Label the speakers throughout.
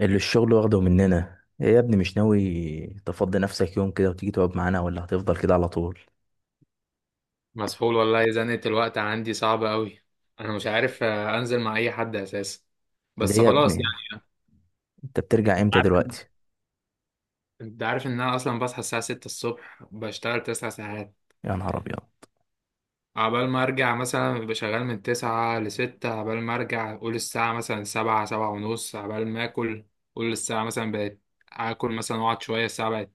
Speaker 1: اللي الشغل واخده مننا ايه يا ابني؟ مش ناوي تفضي نفسك يوم كده وتيجي تقعد معانا ولا هتفضل كده على طول؟
Speaker 2: مسحول والله، زنقة الوقت عندي صعبة قوي. انا مش عارف، انزل مع اي حد اساسا.
Speaker 1: اللي
Speaker 2: بس
Speaker 1: هي يا
Speaker 2: خلاص
Speaker 1: ابني،
Speaker 2: يعني.
Speaker 1: انت بترجع
Speaker 2: انت
Speaker 1: امتى
Speaker 2: عارف
Speaker 1: دلوقتي؟
Speaker 2: انت عارف ان انا اصلا بصحى الساعة 6 الصبح، بشتغل 9 ساعات
Speaker 1: يا نهار ابيض.
Speaker 2: عبال ما ارجع. مثلا ببقى شغال من 9 ل 6، عبال ما ارجع قول الساعة مثلا 7 7 ونص، عبال ما اكل قول الساعة مثلا بقت، اكل مثلا واقعد شوية الساعة بقت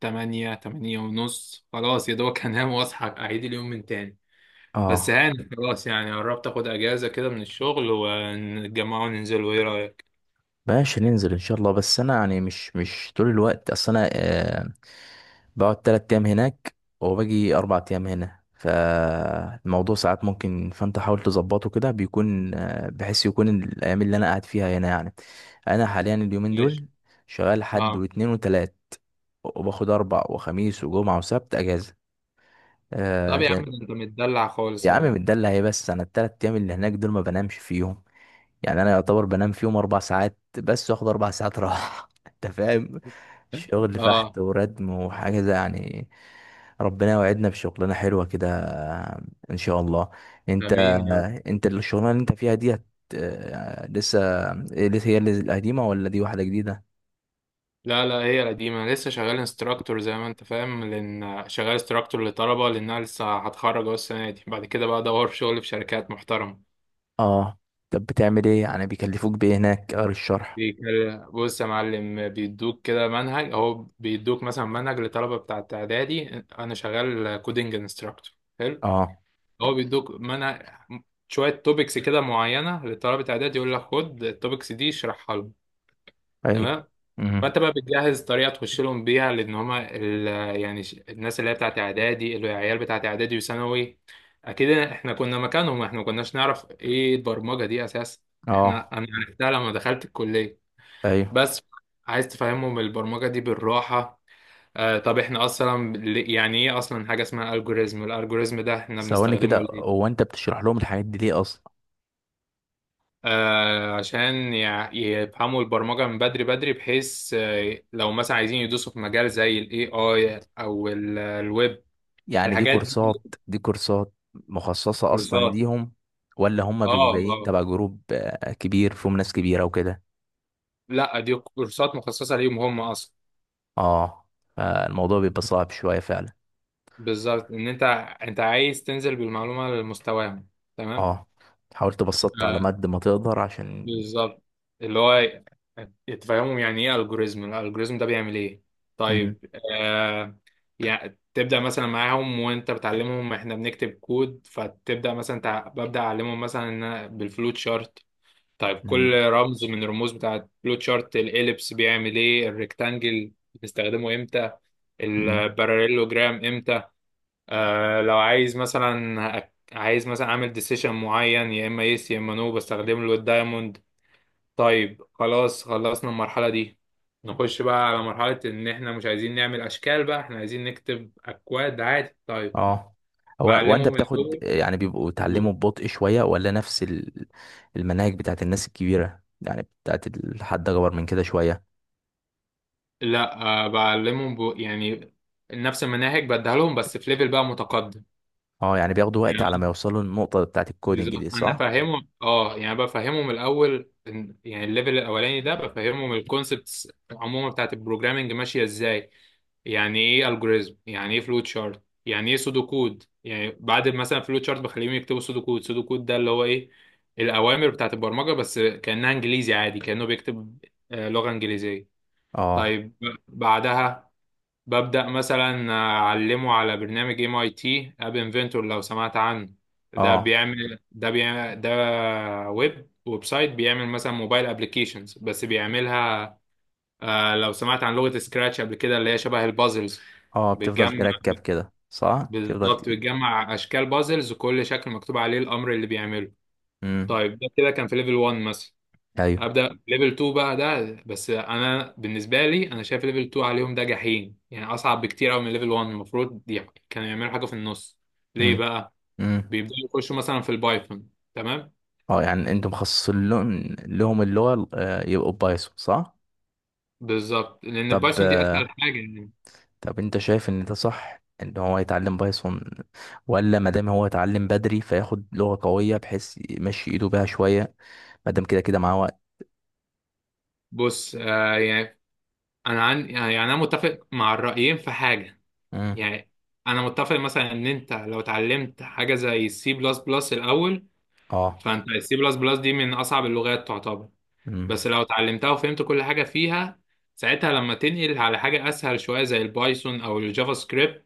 Speaker 2: 8 8 ونص، خلاص يا دوبك هنام واصحى اعيد اليوم من تاني. بس
Speaker 1: اه،
Speaker 2: هاني خلاص يعني، قربت اخد اجازه كده من الشغل ونتجمع وننزل، وايه رايك؟
Speaker 1: ماشي، ننزل ان شاء الله، بس انا يعني مش طول الوقت، اصل انا بقعد تلات ايام هناك وباجي اربع ايام هنا، فالموضوع ساعات ممكن، فانت حاول تظبطه كده بيكون بحيث يكون الايام اللي انا قاعد فيها هنا يعني. انا حاليا اليومين
Speaker 2: ماشي.
Speaker 1: دول شغال حد
Speaker 2: اه.
Speaker 1: واتنين وتلات، وباخد اربع وخميس وجمعة وسبت اجازة. آه
Speaker 2: طب يا عم،
Speaker 1: ده.
Speaker 2: ده انت متدلع خالص
Speaker 1: يا عم
Speaker 2: اهو.
Speaker 1: متدلع ايه؟ بس انا التلات ايام اللي هناك دول ما بنامش فيهم، يعني انا يعتبر بنام فيهم اربع ساعات بس، واخد اربع ساعات راحة. انت فاهم، شغل
Speaker 2: اه.
Speaker 1: فحت وردم وحاجة زي يعني. ربنا يوعدنا بشغلانة حلوة كده ان شاء الله. انت،
Speaker 2: امين يا رب.
Speaker 1: انت الشغلانة اللي انت فيها ديت لسه إيه؟ لسه هي اللي القديمة ولا دي واحدة جديدة؟
Speaker 2: لا لا، هي قديمه. أنا لسه شغال انستراكتور زي ما انت فاهم، لان شغال انستراكتور لطلبه لانها لسه هتخرج اهو السنه دي. بعد كده بقى ادور في شغل في شركات محترمه.
Speaker 1: اه. طب بتعمل ايه يعني؟ بيكلفوك بايه هناك؟ قاري الشرح؟
Speaker 2: بص يا معلم، بيدوك كده منهج اهو، بيدوك مثلا منهج لطلبه بتاعت اعدادي. انا شغال كودنج انستراكتور.
Speaker 1: اه.
Speaker 2: هو بيدوك منع شوية توبكس كده معينة لطلبة إعداد، يقول لك خد التوبكس دي اشرحها لهم.
Speaker 1: ايوه.
Speaker 2: تمام.
Speaker 1: امم.
Speaker 2: فأنت بقى بتجهز طريقة تخش لهم بيها، لأن هما يعني الناس اللي هي بتاعت إعدادي، العيال بتاعت إعدادي وثانوي. أكيد إحنا كنا مكانهم، إحنا ما كناش نعرف إيه البرمجة دي أساسا. إحنا
Speaker 1: اه.
Speaker 2: أنا عرفتها لما دخلت الكلية
Speaker 1: ايوه.
Speaker 2: بس. عايز تفهمهم البرمجة دي بالراحة. طب إحنا أصلا يعني إيه أصلا حاجة اسمها ألجوريزم؟ الألجوريزم ده إحنا
Speaker 1: ثواني كده،
Speaker 2: بنستخدمه ليه؟
Speaker 1: هو انت بتشرح لهم الحاجات دي ليه اصلا؟
Speaker 2: عشان يفهموا البرمجة من بدري بدري، بحيث لو مثلا عايزين يدوسوا في مجال زي الاي اي او الويب.
Speaker 1: يعني دي
Speaker 2: الحاجات دي
Speaker 1: كورسات، دي كورسات مخصصة اصلا
Speaker 2: كورسات.
Speaker 1: ليهم، ولا هم
Speaker 2: اه
Speaker 1: بيبقوا جايين
Speaker 2: اه.
Speaker 1: تبع جروب كبير فيهم ناس كبيرة وكده؟
Speaker 2: لا، دي كورسات مخصصة ليهم هم اصلا.
Speaker 1: اه. فالموضوع بيبقى صعب شوية فعلا.
Speaker 2: بالظبط، ان انت، انت عايز تنزل بالمعلومة لمستواهم. تمام.
Speaker 1: اه، حاولت بسطت على قد ما تقدر عشان.
Speaker 2: بالظبط، اللي هو تفهمهم يعني ايه الجوريزم، الالجوريزم ده بيعمل ايه.
Speaker 1: امم.
Speaker 2: طيب. آه يعني تبدا مثلا معاهم وانت بتعلمهم احنا بنكتب كود، فتبدا مثلا ببدا اعلمهم مثلا إن أنا بالفلوت شارت. طيب، كل رمز من الرموز بتاعه الفلوت شارت، الاليبس بيعمل ايه، الريكتانجل بنستخدمه امتى،
Speaker 1: امم.
Speaker 2: الباراليلوجرام امتى. لو عايز مثلا، عايز مثلا اعمل ديسيشن معين يا اما يس يا اما نو، بستخدم له الدايموند. طيب خلاص خلصنا المرحلة دي. نخش بقى على مرحلة إن إحنا مش عايزين نعمل أشكال بقى، إحنا عايزين نكتب أكواد عادي. طيب.
Speaker 1: اه، هو وانت
Speaker 2: بعلمهم
Speaker 1: بتاخد
Speaker 2: الأول
Speaker 1: يعني بيبقوا
Speaker 2: و-
Speaker 1: اتعلموا ببطء شوية، ولا نفس المناهج بتاعت الناس الكبيرة يعني، بتاعت الحد اكبر من كده شوية؟
Speaker 2: لا بعلمهم يعني نفس المناهج بديها لهم بس في ليفل بقى متقدم.
Speaker 1: اه يعني بياخدوا وقت على ما
Speaker 2: يعني
Speaker 1: يوصلوا النقطة بتاعت الكودينج
Speaker 2: بالظبط.
Speaker 1: دي،
Speaker 2: أنا
Speaker 1: صح؟
Speaker 2: فاهمهم يعني بفهمهم الأول يعني الليفل الأولاني ده بفهمهم الكونسبتس عموما بتاعت البروجرامينج ماشية إزاي. يعني ايه الجوريزم، يعني ايه فلوت شارت، يعني ايه سودو كود. يعني بعد مثلا فلوت شارت بخليهم يكتبوا سودو كود. سودو كود ده اللي هو ايه؟ الاوامر بتاعت البرمجه، بس كانها انجليزي عادي، كانه بيكتب لغه انجليزيه.
Speaker 1: اه.
Speaker 2: طيب، بعدها ببدا مثلا اعلمه على برنامج ام اي تي اب انفنتور، لو سمعت عنه. ده
Speaker 1: اه.
Speaker 2: بيعمل، ده بيعمل ده ويب، ويب سايت، بيعمل مثلا موبايل ابلكيشنز بس بيعملها. لو سمعت عن لغة سكراتش قبل كده، اللي هي شبه البازلز.
Speaker 1: اه، بتفضل
Speaker 2: بتجمع.
Speaker 1: تركب كده، صح؟
Speaker 2: بالظبط، بتجمع أشكال بازلز وكل شكل مكتوب عليه الأمر اللي بيعمله.
Speaker 1: امم.
Speaker 2: طيب ده كده كان في ليفل 1 مثلا.
Speaker 1: ايوه.
Speaker 2: أبدأ ليفل 2 بقى ده، بس أنا بالنسبة لي أنا شايف ليفل 2 عليهم ده جحيم، يعني أصعب بكتير أوي من ليفل 1، المفروض دي كانوا يعملوا حاجة في النص. ليه
Speaker 1: امم.
Speaker 2: بقى؟
Speaker 1: امم.
Speaker 2: بيبدأوا يخشوا مثلا في البايثون، تمام؟
Speaker 1: اه يعني انتم مخصصين لهم اللغة، يبقوا بايثون، صح؟
Speaker 2: بالظبط، لأن
Speaker 1: طب،
Speaker 2: البايثون دي أسهل حاجة يعني.
Speaker 1: طب انت شايف ان ده صح ان هو يتعلم بايثون، ولا ما دام هو يتعلم بدري فياخد لغة قوية بحيث يمشي ايده بيها شوية، ما دام كده كده معاه وقت؟
Speaker 2: بص يعني، أنا عن يعني أنا متفق مع الرأيين في حاجة.
Speaker 1: امم.
Speaker 2: يعني انا متفق مثلا ان انت لو اتعلمت حاجه زي السي بلس بلس الاول،
Speaker 1: اه.
Speaker 2: فانت السي بلس بلس دي من اصعب اللغات تعتبر،
Speaker 1: امم.
Speaker 2: بس لو اتعلمتها وفهمت كل حاجه فيها، ساعتها لما تنقل على حاجه اسهل شويه زي البايثون او الجافا سكريبت،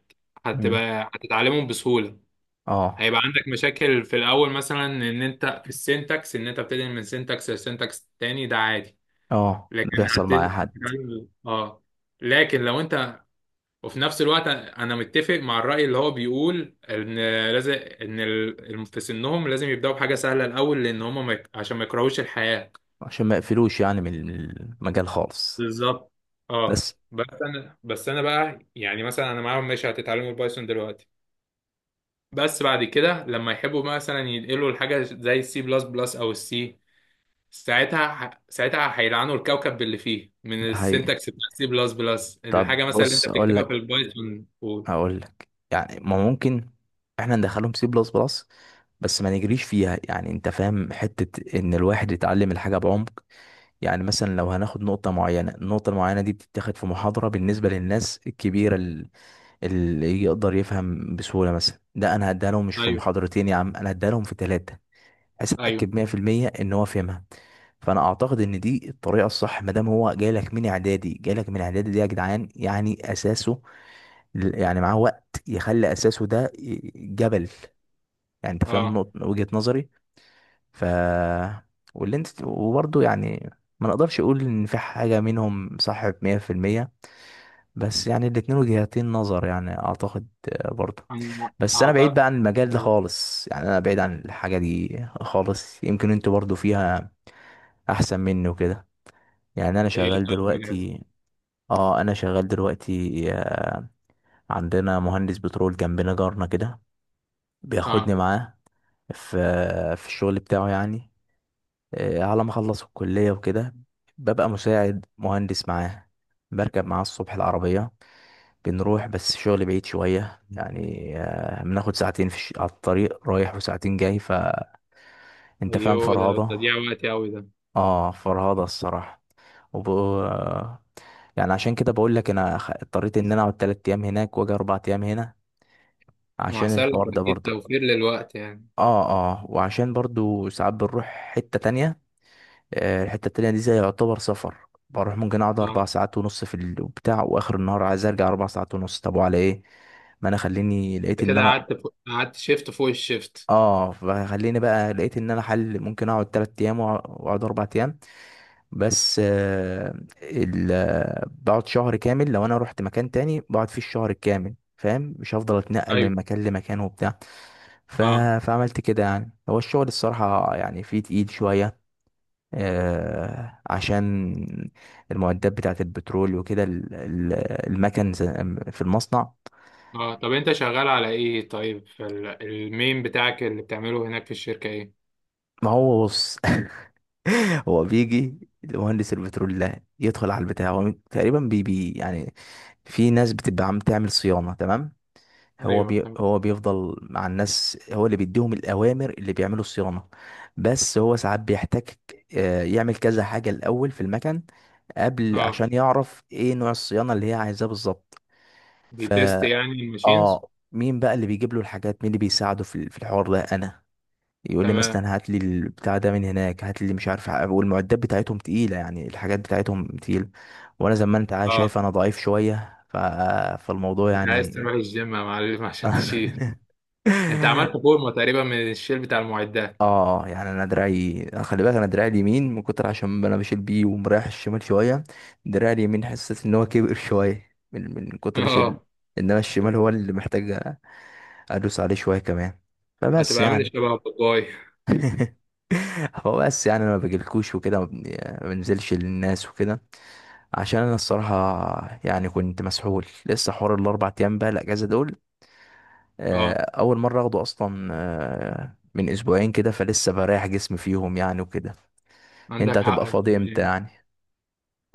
Speaker 1: امم.
Speaker 2: هتتعلمهم بسهوله.
Speaker 1: اه.
Speaker 2: هيبقى عندك مشاكل في الاول مثلا، ان انت في السينتاكس، ان انت بتنقل من سينتاكس لسينتاكس تاني، ده عادي.
Speaker 1: اه، ده
Speaker 2: لكن
Speaker 1: بيحصل مع اي حد.
Speaker 2: هتتعلم. اه لكن لو انت، وفي نفس الوقت انا متفق مع الرأي اللي هو بيقول ان لازم ان في سنهم لازم يبدأوا بحاجة سهلة الاول، لان هم ما يك- عشان ما يكرهوش الحياة.
Speaker 1: عشان ما يقفلوش يعني من المجال خالص.
Speaker 2: بالظبط. اه،
Speaker 1: بس
Speaker 2: بس انا بقى يعني مثلا انا معاهم، ماشي هتتعلموا البايثون دلوقتي، بس بعد كده لما يحبوا مثلا ينقلوا الحاجة زي السي بلس بلس او السي، ساعتها هيلعنوا الكوكب باللي فيه من
Speaker 1: ده حقيقي.
Speaker 2: السنتكس بتاع السي بلس بلس،
Speaker 1: طب
Speaker 2: الحاجة مثلا اللي انت
Speaker 1: بص اقول
Speaker 2: بتكتبها في
Speaker 1: لك،
Speaker 2: البايثون
Speaker 1: هقول لك يعني، ما ممكن احنا ندخلهم سي بلس بلس، بس ما نجريش فيها، يعني انت فاهم حتة ان الواحد يتعلم الحاجة بعمق. يعني مثلا لو هناخد نقطة معينة، النقطة المعينة دي بتتاخد في محاضرة بالنسبة للناس الكبيرة اللي يقدر يفهم بسهولة. مثلا ده انا هديها لهم مش في
Speaker 2: ايوه.
Speaker 1: محاضرتين يا عم، انا هديها لهم في ثلاثة بحيث
Speaker 2: ايوه،
Speaker 1: اتأكد 100% ان هو فهمها. فانا اعتقد ان دي الطريقة الصح، ما دام هو جاي لك من اعدادي، جاي لك من اعدادي دي يا جدعان، يعني اساسه، يعني معاه وقت يخلي اساسه ده جبل، يعني انت فاهم
Speaker 2: اه
Speaker 1: نقطة وجهة نظري. ف، واللي انت وبرضه يعني ما نقدرش اقول ان في حاجة منهم صح 100%، بس يعني الاتنين وجهتين نظر، يعني اعتقد برضه.
Speaker 2: انا
Speaker 1: بس انا بعيد
Speaker 2: اعتقد.
Speaker 1: بقى عن المجال ده خالص، يعني انا بعيد عن الحاجة دي خالص، يمكن انتوا برضه فيها احسن مني وكده. يعني انا
Speaker 2: ايه
Speaker 1: شغال
Speaker 2: طيب، مجال.
Speaker 1: دلوقتي. اه، انا شغال دلوقتي. عندنا مهندس بترول جنبنا، جارنا كده، بياخدني
Speaker 2: اه.
Speaker 1: معاه في، في الشغل بتاعه، يعني على ما اخلص الكلية وكده ببقى مساعد مهندس معاه. بركب معاه الصبح العربية، بنروح، بس الشغل بعيد شوية يعني، بناخد ساعتين على الطريق رايح وساعتين جاي، ف انت فاهم،
Speaker 2: ايوه ده
Speaker 1: فرهضة.
Speaker 2: تضييع وقت قوي ده.
Speaker 1: اه، فرهضة الصراحة. وب... يعني عشان كده بقول لك انا اضطريت ان انا اقعد تلات ايام هناك واجي اربع ايام هنا،
Speaker 2: ما
Speaker 1: عشان
Speaker 2: احسن لك
Speaker 1: الحوار ده
Speaker 2: اكيد،
Speaker 1: برضه.
Speaker 2: توفير للوقت يعني.
Speaker 1: اه. اه، وعشان برضه ساعات بنروح حتة تانية، الحتة التانية دي زي يعتبر سفر، بروح ممكن اقعد اربع
Speaker 2: اه.
Speaker 1: ساعات ونص في البتاع، واخر النهار عايز ارجع اربع ساعات ونص، طب وعلى ايه؟ ما انا خليني لقيت
Speaker 2: انت
Speaker 1: ان
Speaker 2: كده
Speaker 1: انا،
Speaker 2: قعدت قعدت شيفت فوق الشيفت.
Speaker 1: اه، فخليني بقى لقيت ان انا حل ممكن اقعد تلات ايام واقعد اربع ايام. بس ال... آه، بقعد شهر كامل، لو انا رحت مكان تاني بقعد فيه الشهر الكامل، فاهم، مش هفضل اتنقل
Speaker 2: ايوه.
Speaker 1: من مكان لمكان وبتاع. ف...
Speaker 2: اه
Speaker 1: فعملت كده يعني. هو الشغل الصراحة يعني فيه تقيل شوية، عشان المعدات بتاعة البترول وكده، المكن في المصنع.
Speaker 2: اه. طب انت شغال على ايه، طيب في المين بتاعك اللي بتعمله هناك في الشركة ايه؟
Speaker 1: ما هو بص. هو بيجي مهندس البترول ده يدخل على البتاع، هو تقريبا بي بي يعني. في ناس بتبقى عم تعمل صيانة، تمام.
Speaker 2: ايوه تمام.
Speaker 1: هو بيفضل مع الناس، هو اللي بيديهم الأوامر اللي بيعملوا الصيانة. بس هو ساعات بيحتاج يعمل كذا حاجة الأول في المكن قبل،
Speaker 2: اه،
Speaker 1: عشان يعرف ايه نوع الصيانة اللي هي عايزاه بالظبط. ف،
Speaker 2: بيتست يعني الماشينز.
Speaker 1: اه، مين بقى اللي بيجيب له الحاجات، مين اللي بيساعده في الحوار ده؟ انا. يقول لي
Speaker 2: تمام.
Speaker 1: مثلا هات لي البتاع ده من هناك، هات لي مش عارف والمعدات بتاعتهم تقيله، يعني الحاجات بتاعتهم تقيله، وانا زي ما انت
Speaker 2: اه،
Speaker 1: شايف انا ضعيف شويه ف... فالموضوع
Speaker 2: انت عايز
Speaker 1: يعني.
Speaker 2: تروح الجيم يا معلم عشان تشيل؟ انت عملت فورمة تقريبا من الشيل بتاع المعدات.
Speaker 1: اه، يعني انا دراعي، خلي بالك، انا دراعي اليمين من كتر، عشان انا بشيل بيه ومريح الشمال شويه، دراعي اليمين حسيت ان هو كبر شويه من كتر شيل،
Speaker 2: اه.
Speaker 1: انما الشمال هو اللي محتاج ادوس عليه شويه كمان، فبس
Speaker 2: هتبقى عامل
Speaker 1: يعني.
Speaker 2: شبه باباي.
Speaker 1: هو بس يعني انا ما بجيلكوش وكده، ما بنزلش للناس وكده، عشان انا الصراحه يعني كنت مسحول. لسه حوار الاربع ايام بقى الاجازه دول آه،
Speaker 2: اه،
Speaker 1: اول مره اخده اصلا، من اسبوعين كده، فلسه بريح جسمي فيهم يعني وكده. انت
Speaker 2: عندك حق.
Speaker 1: هتبقى
Speaker 2: انت
Speaker 1: فاضي
Speaker 2: بتقول
Speaker 1: امتى يعني؟
Speaker 2: ايه؟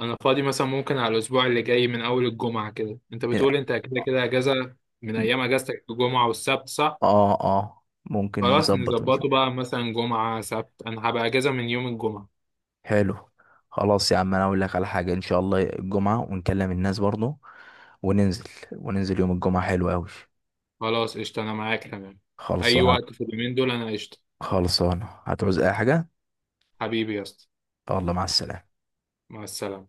Speaker 2: انا فاضي مثلا ممكن على الاسبوع اللي جاي من اول الجمعه كده، انت بتقول انت كده كده اجازه من ايام اجازتك الجمعه والسبت، صح؟
Speaker 1: اه. اه، ممكن
Speaker 2: خلاص
Speaker 1: نظبط ونشوف.
Speaker 2: نظبطه بقى مثلا جمعه سبت، انا هبقى اجازه من يوم الجمعه.
Speaker 1: حلو، خلاص يا عم، انا اقول لك على حاجه، ان شاء الله الجمعه، ونكلم الناس برضو وننزل، وننزل يوم الجمعه حلو قوي.
Speaker 2: خلاص قشطه، انا معاك تمام. اي
Speaker 1: خلصانه.
Speaker 2: وقت في اليومين دول انا قشطه.
Speaker 1: خلصانه، هتعوز اي حاجه؟
Speaker 2: حبيبي يا اسطى.
Speaker 1: الله، مع السلامه.
Speaker 2: مع السلامه.